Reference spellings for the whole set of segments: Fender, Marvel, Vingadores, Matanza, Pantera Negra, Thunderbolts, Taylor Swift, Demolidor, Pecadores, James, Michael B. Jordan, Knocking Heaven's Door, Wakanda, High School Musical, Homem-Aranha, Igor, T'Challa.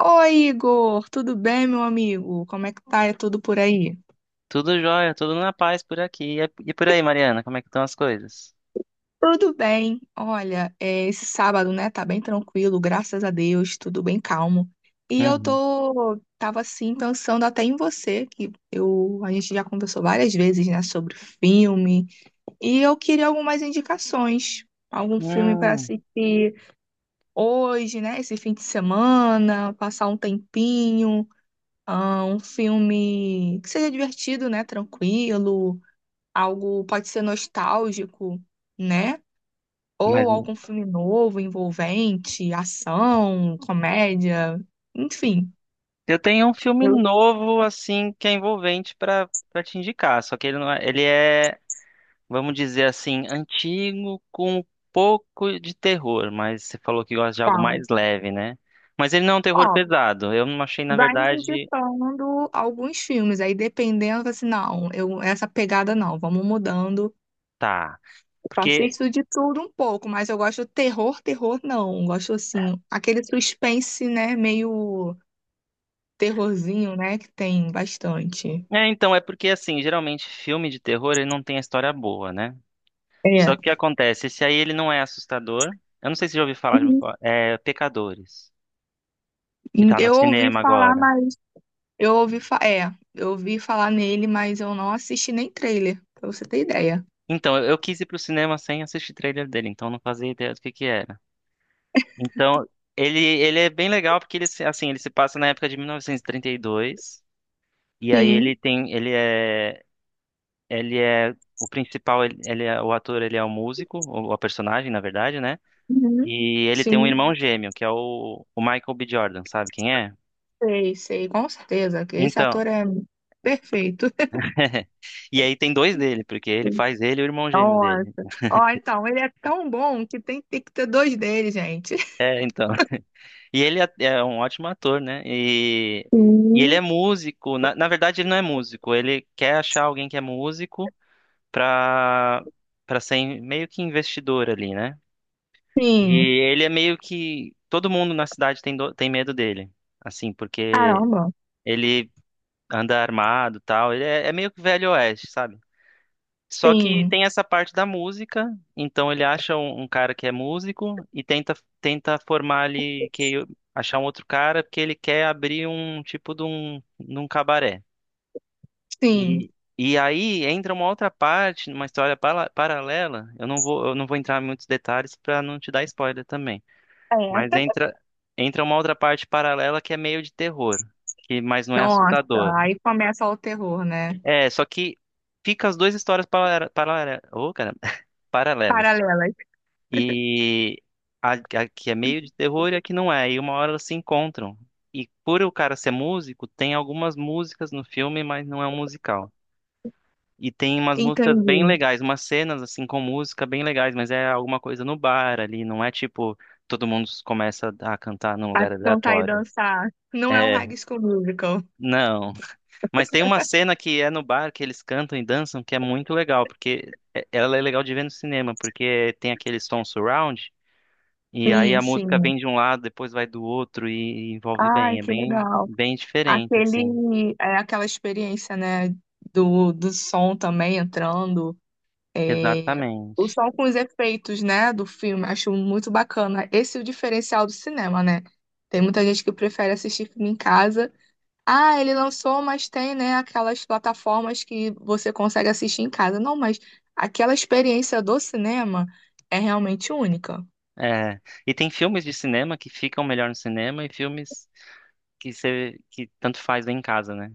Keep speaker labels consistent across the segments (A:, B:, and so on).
A: Oi, Igor, tudo bem, meu amigo? Como é que tá? É tudo por aí?
B: Tudo jóia, tudo na paz por aqui. E por aí, Mariana, como é que estão as coisas?
A: Tudo bem. Olha, esse sábado, né, tá bem tranquilo, graças a Deus, tudo bem calmo. E
B: Uhum.
A: tava assim, pensando até em você, a gente já conversou várias vezes, né, sobre filme, e eu queria algumas indicações, algum filme para
B: Hum,
A: assistir hoje, né, esse fim de semana, passar um tempinho, um filme que seja divertido, né, tranquilo. Algo pode ser nostálgico, né?
B: mas
A: Ou algum filme novo, envolvente, ação, comédia, enfim.
B: eu tenho um filme
A: Eu
B: novo, assim, que é envolvente pra para te indicar. Só que ele não é, ele é, vamos dizer assim, antigo com um pouco de terror. Mas você falou que gosta de algo
A: falo,
B: mais leve, né? Mas ele não é um terror
A: ó,
B: pesado. Eu não achei, na
A: vai me
B: verdade,
A: indicando alguns filmes, aí dependendo, assim, não, eu, essa pegada não, vamos mudando.
B: tá.
A: Eu
B: Porque,
A: assisto de tudo um pouco, mas eu gosto terror, terror não, eu gosto assim, aquele suspense, né, meio terrorzinho, né, que tem bastante.
B: então, assim, geralmente filme de terror ele não tem a história boa, né? Só
A: É.
B: que acontece, esse aí ele não é assustador. Eu não sei se já ouviu falar, já ouviu
A: Uhum.
B: falar. tipo, é Pecadores, que tá no
A: Eu ouvi
B: cinema
A: falar,
B: agora.
A: mas eu ouvi falar nele, mas eu não assisti nem trailer, pra você ter ideia.
B: Então, eu quis ir pro cinema sem assistir trailer dele, então eu não fazia ideia do que era. Então, ele é bem legal porque ele se- assim, ele se passa na época de 1932 e trinta e dois, e aí ele
A: Sim,
B: tem ele é ele é o principal, ele é o ator, ele é o músico, ou a personagem, na verdade, né?
A: uhum,
B: E ele tem um
A: sim,
B: irmão gêmeo, que é o Michael B. Jordan, sabe quem é?
A: sei, sei, com certeza, que esse
B: Então,
A: ator é perfeito.
B: e aí tem dois dele, porque ele faz ele e o irmão gêmeo
A: Nossa.
B: dele.
A: Ó, então, ele é tão bom que tem que ter dois dele, gente.
B: É, então. E ele é um ótimo ator, né? E ele
A: Sim,
B: é músico. Na verdade, ele não é músico. Ele quer achar alguém que é músico, pra, pra ser meio que investidor ali, né? E
A: sim.
B: ele é meio que. Todo mundo na cidade tem medo dele. Assim, porque
A: Caramba.
B: ele anda armado e tal. Ele é, é meio que velho oeste, sabe? Só que
A: Sim,
B: tem essa parte da música, então ele acha um cara que é músico e tenta formar ali, que achar um outro cara, porque ele quer abrir um tipo de um cabaré. E
A: sim.
B: e aí entra uma outra parte, uma história paralela. Eu não vou entrar em muitos detalhes, para não te dar spoiler também. Mas
A: É.
B: entra uma outra parte paralela que é meio de terror, que mas não é
A: Nossa,
B: assustador.
A: aí começa o terror, né?
B: É, só que fica as duas histórias para, oh, cara, paralelas.
A: Paralelas.
B: E a que é meio de terror e a que não é. E uma hora elas se encontram. E por o cara ser músico, tem algumas músicas no filme, mas não é um musical. E tem umas músicas bem
A: Entendi.
B: legais, umas cenas assim com música bem legais, mas é alguma coisa no bar ali, não é tipo todo mundo começa a cantar num
A: A
B: lugar
A: cantar e
B: aleatório.
A: dançar. Não é um
B: É,
A: High School Musical.
B: não. Mas tem uma cena que é no bar que eles cantam e dançam que é muito legal, porque é- ela é legal de ver no cinema, porque tem aquele som surround. E aí
A: Sim,
B: a música
A: sim.
B: vem de um lado, depois vai do outro e envolve
A: Ai,
B: bem. É
A: que
B: bem,
A: legal.
B: bem diferente, assim.
A: Aquela experiência, né, do som também entrando, é, o
B: Exatamente.
A: som com os efeitos, né, do filme, acho muito bacana. Esse é o diferencial do cinema, né? Tem muita gente que prefere assistir filme em casa. Ah, ele lançou, mas tem, né, aquelas plataformas que você consegue assistir em casa. Não, mas aquela experiência do cinema é realmente única.
B: É. E tem filmes de cinema que ficam melhor no cinema e filmes que você que tanto faz em casa, né?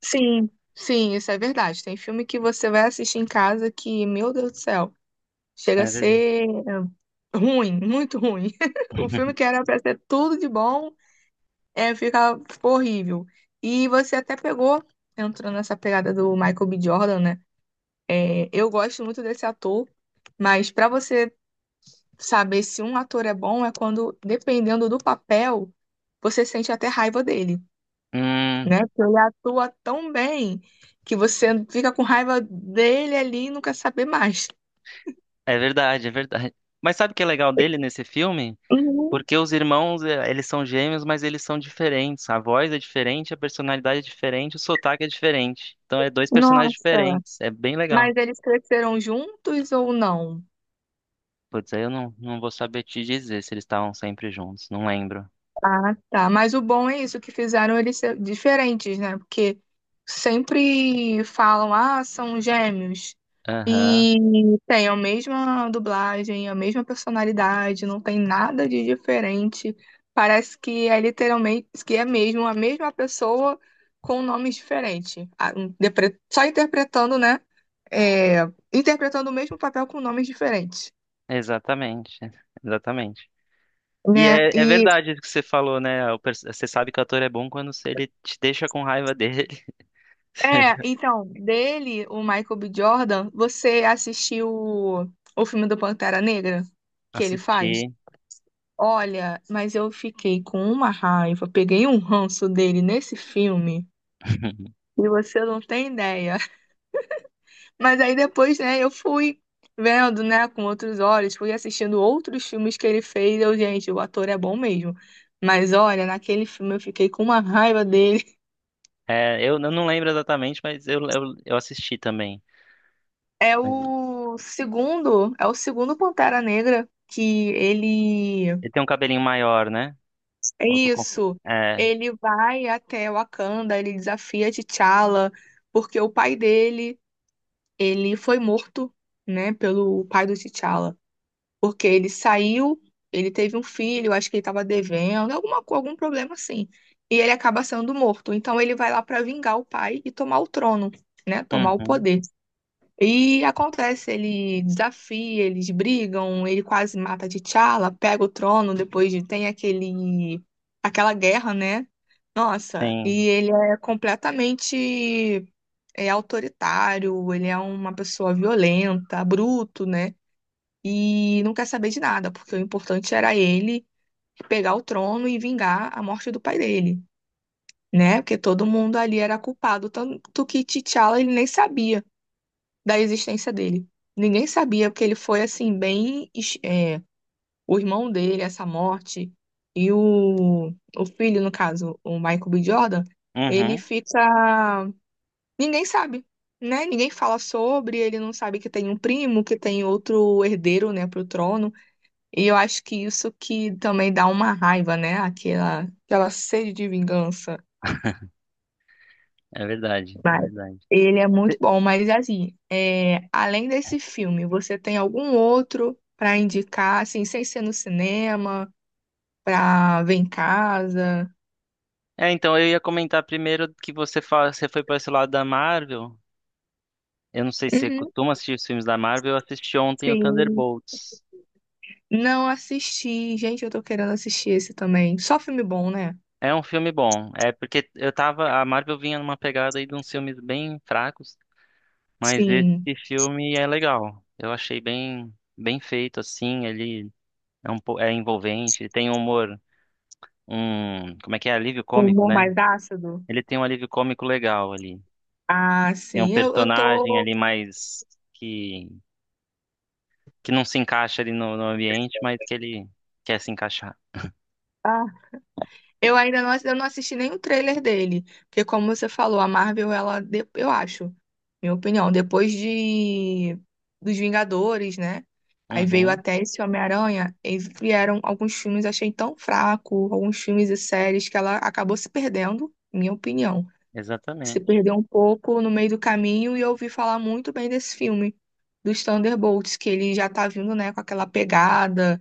A: Sim, sim, isso é verdade. Tem filme que você vai assistir em casa que, meu Deus do céu, chega a
B: É verdade.
A: ser ruim, muito ruim. O filme que era pra ser tudo de bom, fica horrível. E você até pegou, entrando nessa pegada do Michael B. Jordan, né? Eu gosto muito desse ator, mas pra você saber se um ator é bom é quando, dependendo do papel, você sente até raiva dele.
B: Hum,
A: Né? Porque ele atua tão bem que você fica com raiva dele ali e não quer saber mais.
B: é verdade, é verdade. Mas sabe o que é legal dele nesse filme?
A: Uhum.
B: Porque os irmãos, eles são gêmeos, mas eles são diferentes. A voz é diferente, a personalidade é diferente, o sotaque é diferente. Então é dois personagens
A: Nossa,
B: diferentes. É bem legal.
A: mas eles cresceram juntos ou não?
B: Putz, aí eu não vou saber te dizer se eles estavam sempre juntos, não lembro.
A: Ah, tá. Mas o bom é isso, que fizeram eles ser diferentes, né? Porque sempre falam, são gêmeos.
B: Aham,
A: E tem a mesma dublagem, a mesma personalidade, não tem nada de diferente. Parece que é literalmente, que é mesmo a mesma pessoa com nomes diferentes. Só interpretando, né? É, interpretando o mesmo papel com nomes diferentes,
B: exatamente, exatamente. E
A: né?
B: é, é verdade isso que você falou, né? Você sabe que o ator é bom quando se ele te deixa com raiva dele.
A: É, então, dele, o Michael B. Jordan, você assistiu o, filme do Pantera Negra que ele faz?
B: Assisti.
A: Olha, mas eu fiquei com uma raiva, peguei um ranço dele nesse filme e você não tem ideia. Mas aí depois, né, eu fui vendo, né, com outros olhos, fui assistindo outros filmes que ele fez. Eu, gente, o ator é bom mesmo. Mas olha, naquele filme eu fiquei com uma raiva dele.
B: É, eu não lembro exatamente, mas eu assisti também.
A: É
B: Mas
A: o segundo, é o segundo Pantera Negra que ele.
B: ele tem um cabelinho maior, né?
A: É
B: Ou eu tô confu-
A: isso.
B: É.
A: Ele vai até Wakanda, ele desafia T'Challa, porque o pai dele, ele foi morto, né, pelo pai do T'Challa. Porque ele saiu, ele teve um filho, acho que ele estava devendo, algum problema assim. E ele acaba sendo morto. Então ele vai lá para vingar o pai e tomar o trono, né, tomar o
B: Uhum,
A: poder. E acontece, ele desafia, eles brigam, ele quase mata T'Challa, pega o trono, tem aquele aquela guerra, né? Nossa,
B: sim.
A: e ele é completamente autoritário, ele é uma pessoa violenta, bruto, né? E não quer saber de nada, porque o importante era ele pegar o trono e vingar a morte do pai dele, né? Porque todo mundo ali era culpado, tanto que T'Challa ele nem sabia da existência dele. Ninguém sabia, porque ele foi assim, bem. O irmão dele, essa morte, e o filho, no caso, o Michael B. Jordan, ele
B: Uhum,
A: fica. Ninguém sabe, né? Ninguém fala sobre, ele não sabe que tem um primo, que tem outro herdeiro, né, pro trono. E eu acho que isso que também dá uma raiva, né? Aquela sede de vingança.
B: é verdade, é
A: Mas
B: verdade.
A: ele é muito bom, mas é assim, além desse filme, você tem algum outro pra indicar, assim, sem ser no cinema, pra ver em casa?
B: É, então, eu ia comentar primeiro que você foi para esse lado da Marvel. Eu não sei se você
A: Uhum,
B: costuma assistir os filmes da Marvel, eu assisti ontem o
A: sim.
B: Thunderbolts.
A: Não assisti. Gente, eu tô querendo assistir esse também. Só filme bom, né?
B: É um filme bom. É porque eu tava. A Marvel vinha numa pegada aí de uns filmes bem fracos, mas
A: Sim.
B: esse filme é legal. Eu achei bem, bem feito, assim. Ele é envolvente, ele tem um humor, um. Como é que é? Alívio
A: Um
B: cômico,
A: humor
B: né?
A: mais ácido?
B: Ele tem um alívio cômico legal ali.
A: Ah,
B: Tem um
A: sim. Eu
B: personagem
A: tô.
B: ali mais que, que não se encaixa ali no ambiente, mas que ele quer se encaixar.
A: ah, eu não assisti nenhum trailer dele, porque como você falou, a Marvel, ela, eu acho, minha opinião, depois de dos Vingadores, né? Aí veio
B: Uhum,
A: até esse Homem-Aranha, e vieram alguns filmes, achei tão fraco, alguns filmes e séries que ela acabou se perdendo, minha opinião. Se
B: exatamente.
A: perdeu um pouco no meio do caminho e eu ouvi falar muito bem desse filme, dos Thunderbolts, que ele já tá vindo, né, com aquela pegada.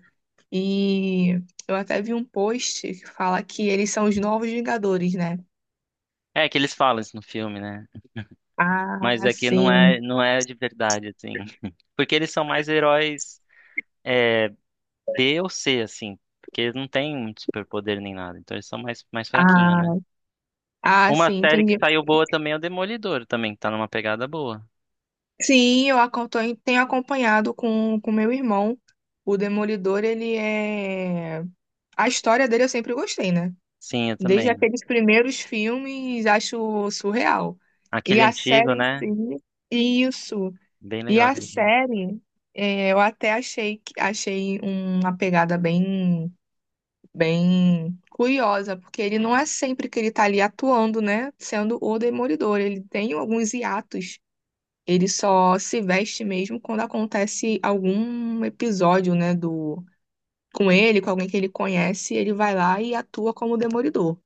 A: E eu até vi um post que fala que eles são os novos Vingadores, né?
B: É que eles falam isso no filme, né? Mas
A: Ah,
B: aqui não é,
A: sim.
B: não é de verdade, assim. Porque eles são mais heróis é, B ou C, assim. Porque eles não têm muito superpoder nem nada. Então eles são mais, mais fraquinhos, né?
A: Ah, ah,
B: Uma
A: sim,
B: série que
A: entendi.
B: saiu boa também é o Demolidor, também, que tá numa pegada boa.
A: Sim, tenho acompanhado com meu irmão. O Demolidor, ele é. A história dele eu sempre gostei, né?
B: Sim, eu
A: Desde
B: também.
A: aqueles primeiros filmes, acho surreal. E
B: Aquele
A: a
B: antigo,
A: série em
B: né?
A: si, isso.
B: Bem
A: E
B: legal
A: a
B: aquele filme.
A: série, eu até achei, achei uma pegada bem curiosa, porque ele não é sempre que ele tá ali atuando, né? Sendo o Demolidor. Ele tem alguns hiatos. Ele só se veste mesmo quando acontece algum episódio, né? Do... Com ele, com alguém que ele conhece, ele vai lá e atua como Demolidor.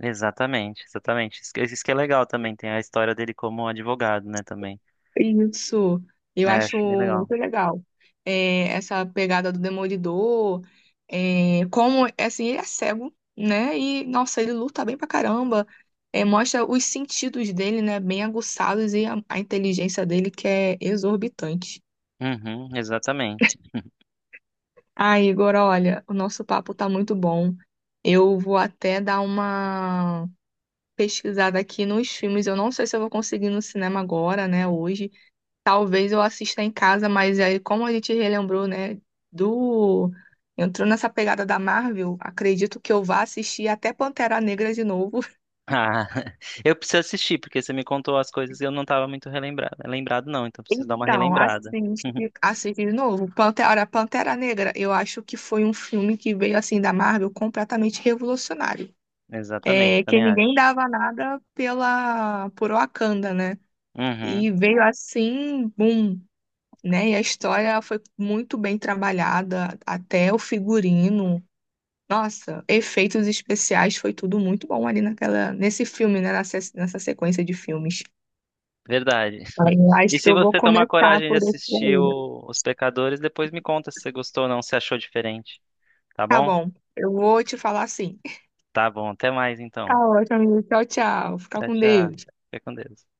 B: Exatamente, exatamente. Isso que é legal também. Tem a história dele como advogado, né? Também.
A: Isso, eu
B: É,
A: acho
B: acho bem legal.
A: muito legal. É, essa pegada do Demolidor, como, assim, ele é cego, né? E, nossa, ele luta bem pra caramba. É, mostra os sentidos dele, né? Bem aguçados e a, inteligência dele que é exorbitante.
B: Uhum, exatamente.
A: Ah, Igor, olha, o nosso papo tá muito bom. Eu vou até dar uma pesquisada aqui nos filmes. Eu não sei se eu vou conseguir no cinema agora, né, hoje. Talvez eu assista em casa, mas aí, como a gente relembrou, né, do... Entrou nessa pegada da Marvel, acredito que eu vá assistir até Pantera Negra de novo.
B: Ah, eu preciso assistir, porque você me contou as coisas e eu não estava muito relembrado. Lembrado não, então preciso dar uma
A: Então,
B: relembrada.
A: assiste, assiste de novo. Pantera, Pantera Negra, eu acho que foi um filme que veio, assim, da Marvel completamente revolucionário.
B: Exatamente,
A: É, que
B: também
A: ninguém
B: acho.
A: dava nada pela, por Wakanda, né? E
B: Uhum,
A: veio assim, boom, né? E a história foi muito bem trabalhada, até o figurino. Nossa, efeitos especiais foi tudo muito bom ali naquela, nesse filme, né? Nessa sequência de filmes.
B: verdade.
A: Aí eu acho
B: E
A: que
B: se
A: eu vou
B: você tomar
A: começar
B: coragem de
A: por esse
B: assistir
A: aí.
B: Os Pecadores, depois me conta se você gostou ou não, se achou diferente. Tá
A: Tá
B: bom?
A: bom, eu vou te falar assim.
B: Tá bom, até mais
A: Tá
B: então.
A: ótimo, amigo. Tchau, tchau. Fica
B: Tchau,
A: com
B: tchau.
A: Deus.
B: Fica com Deus.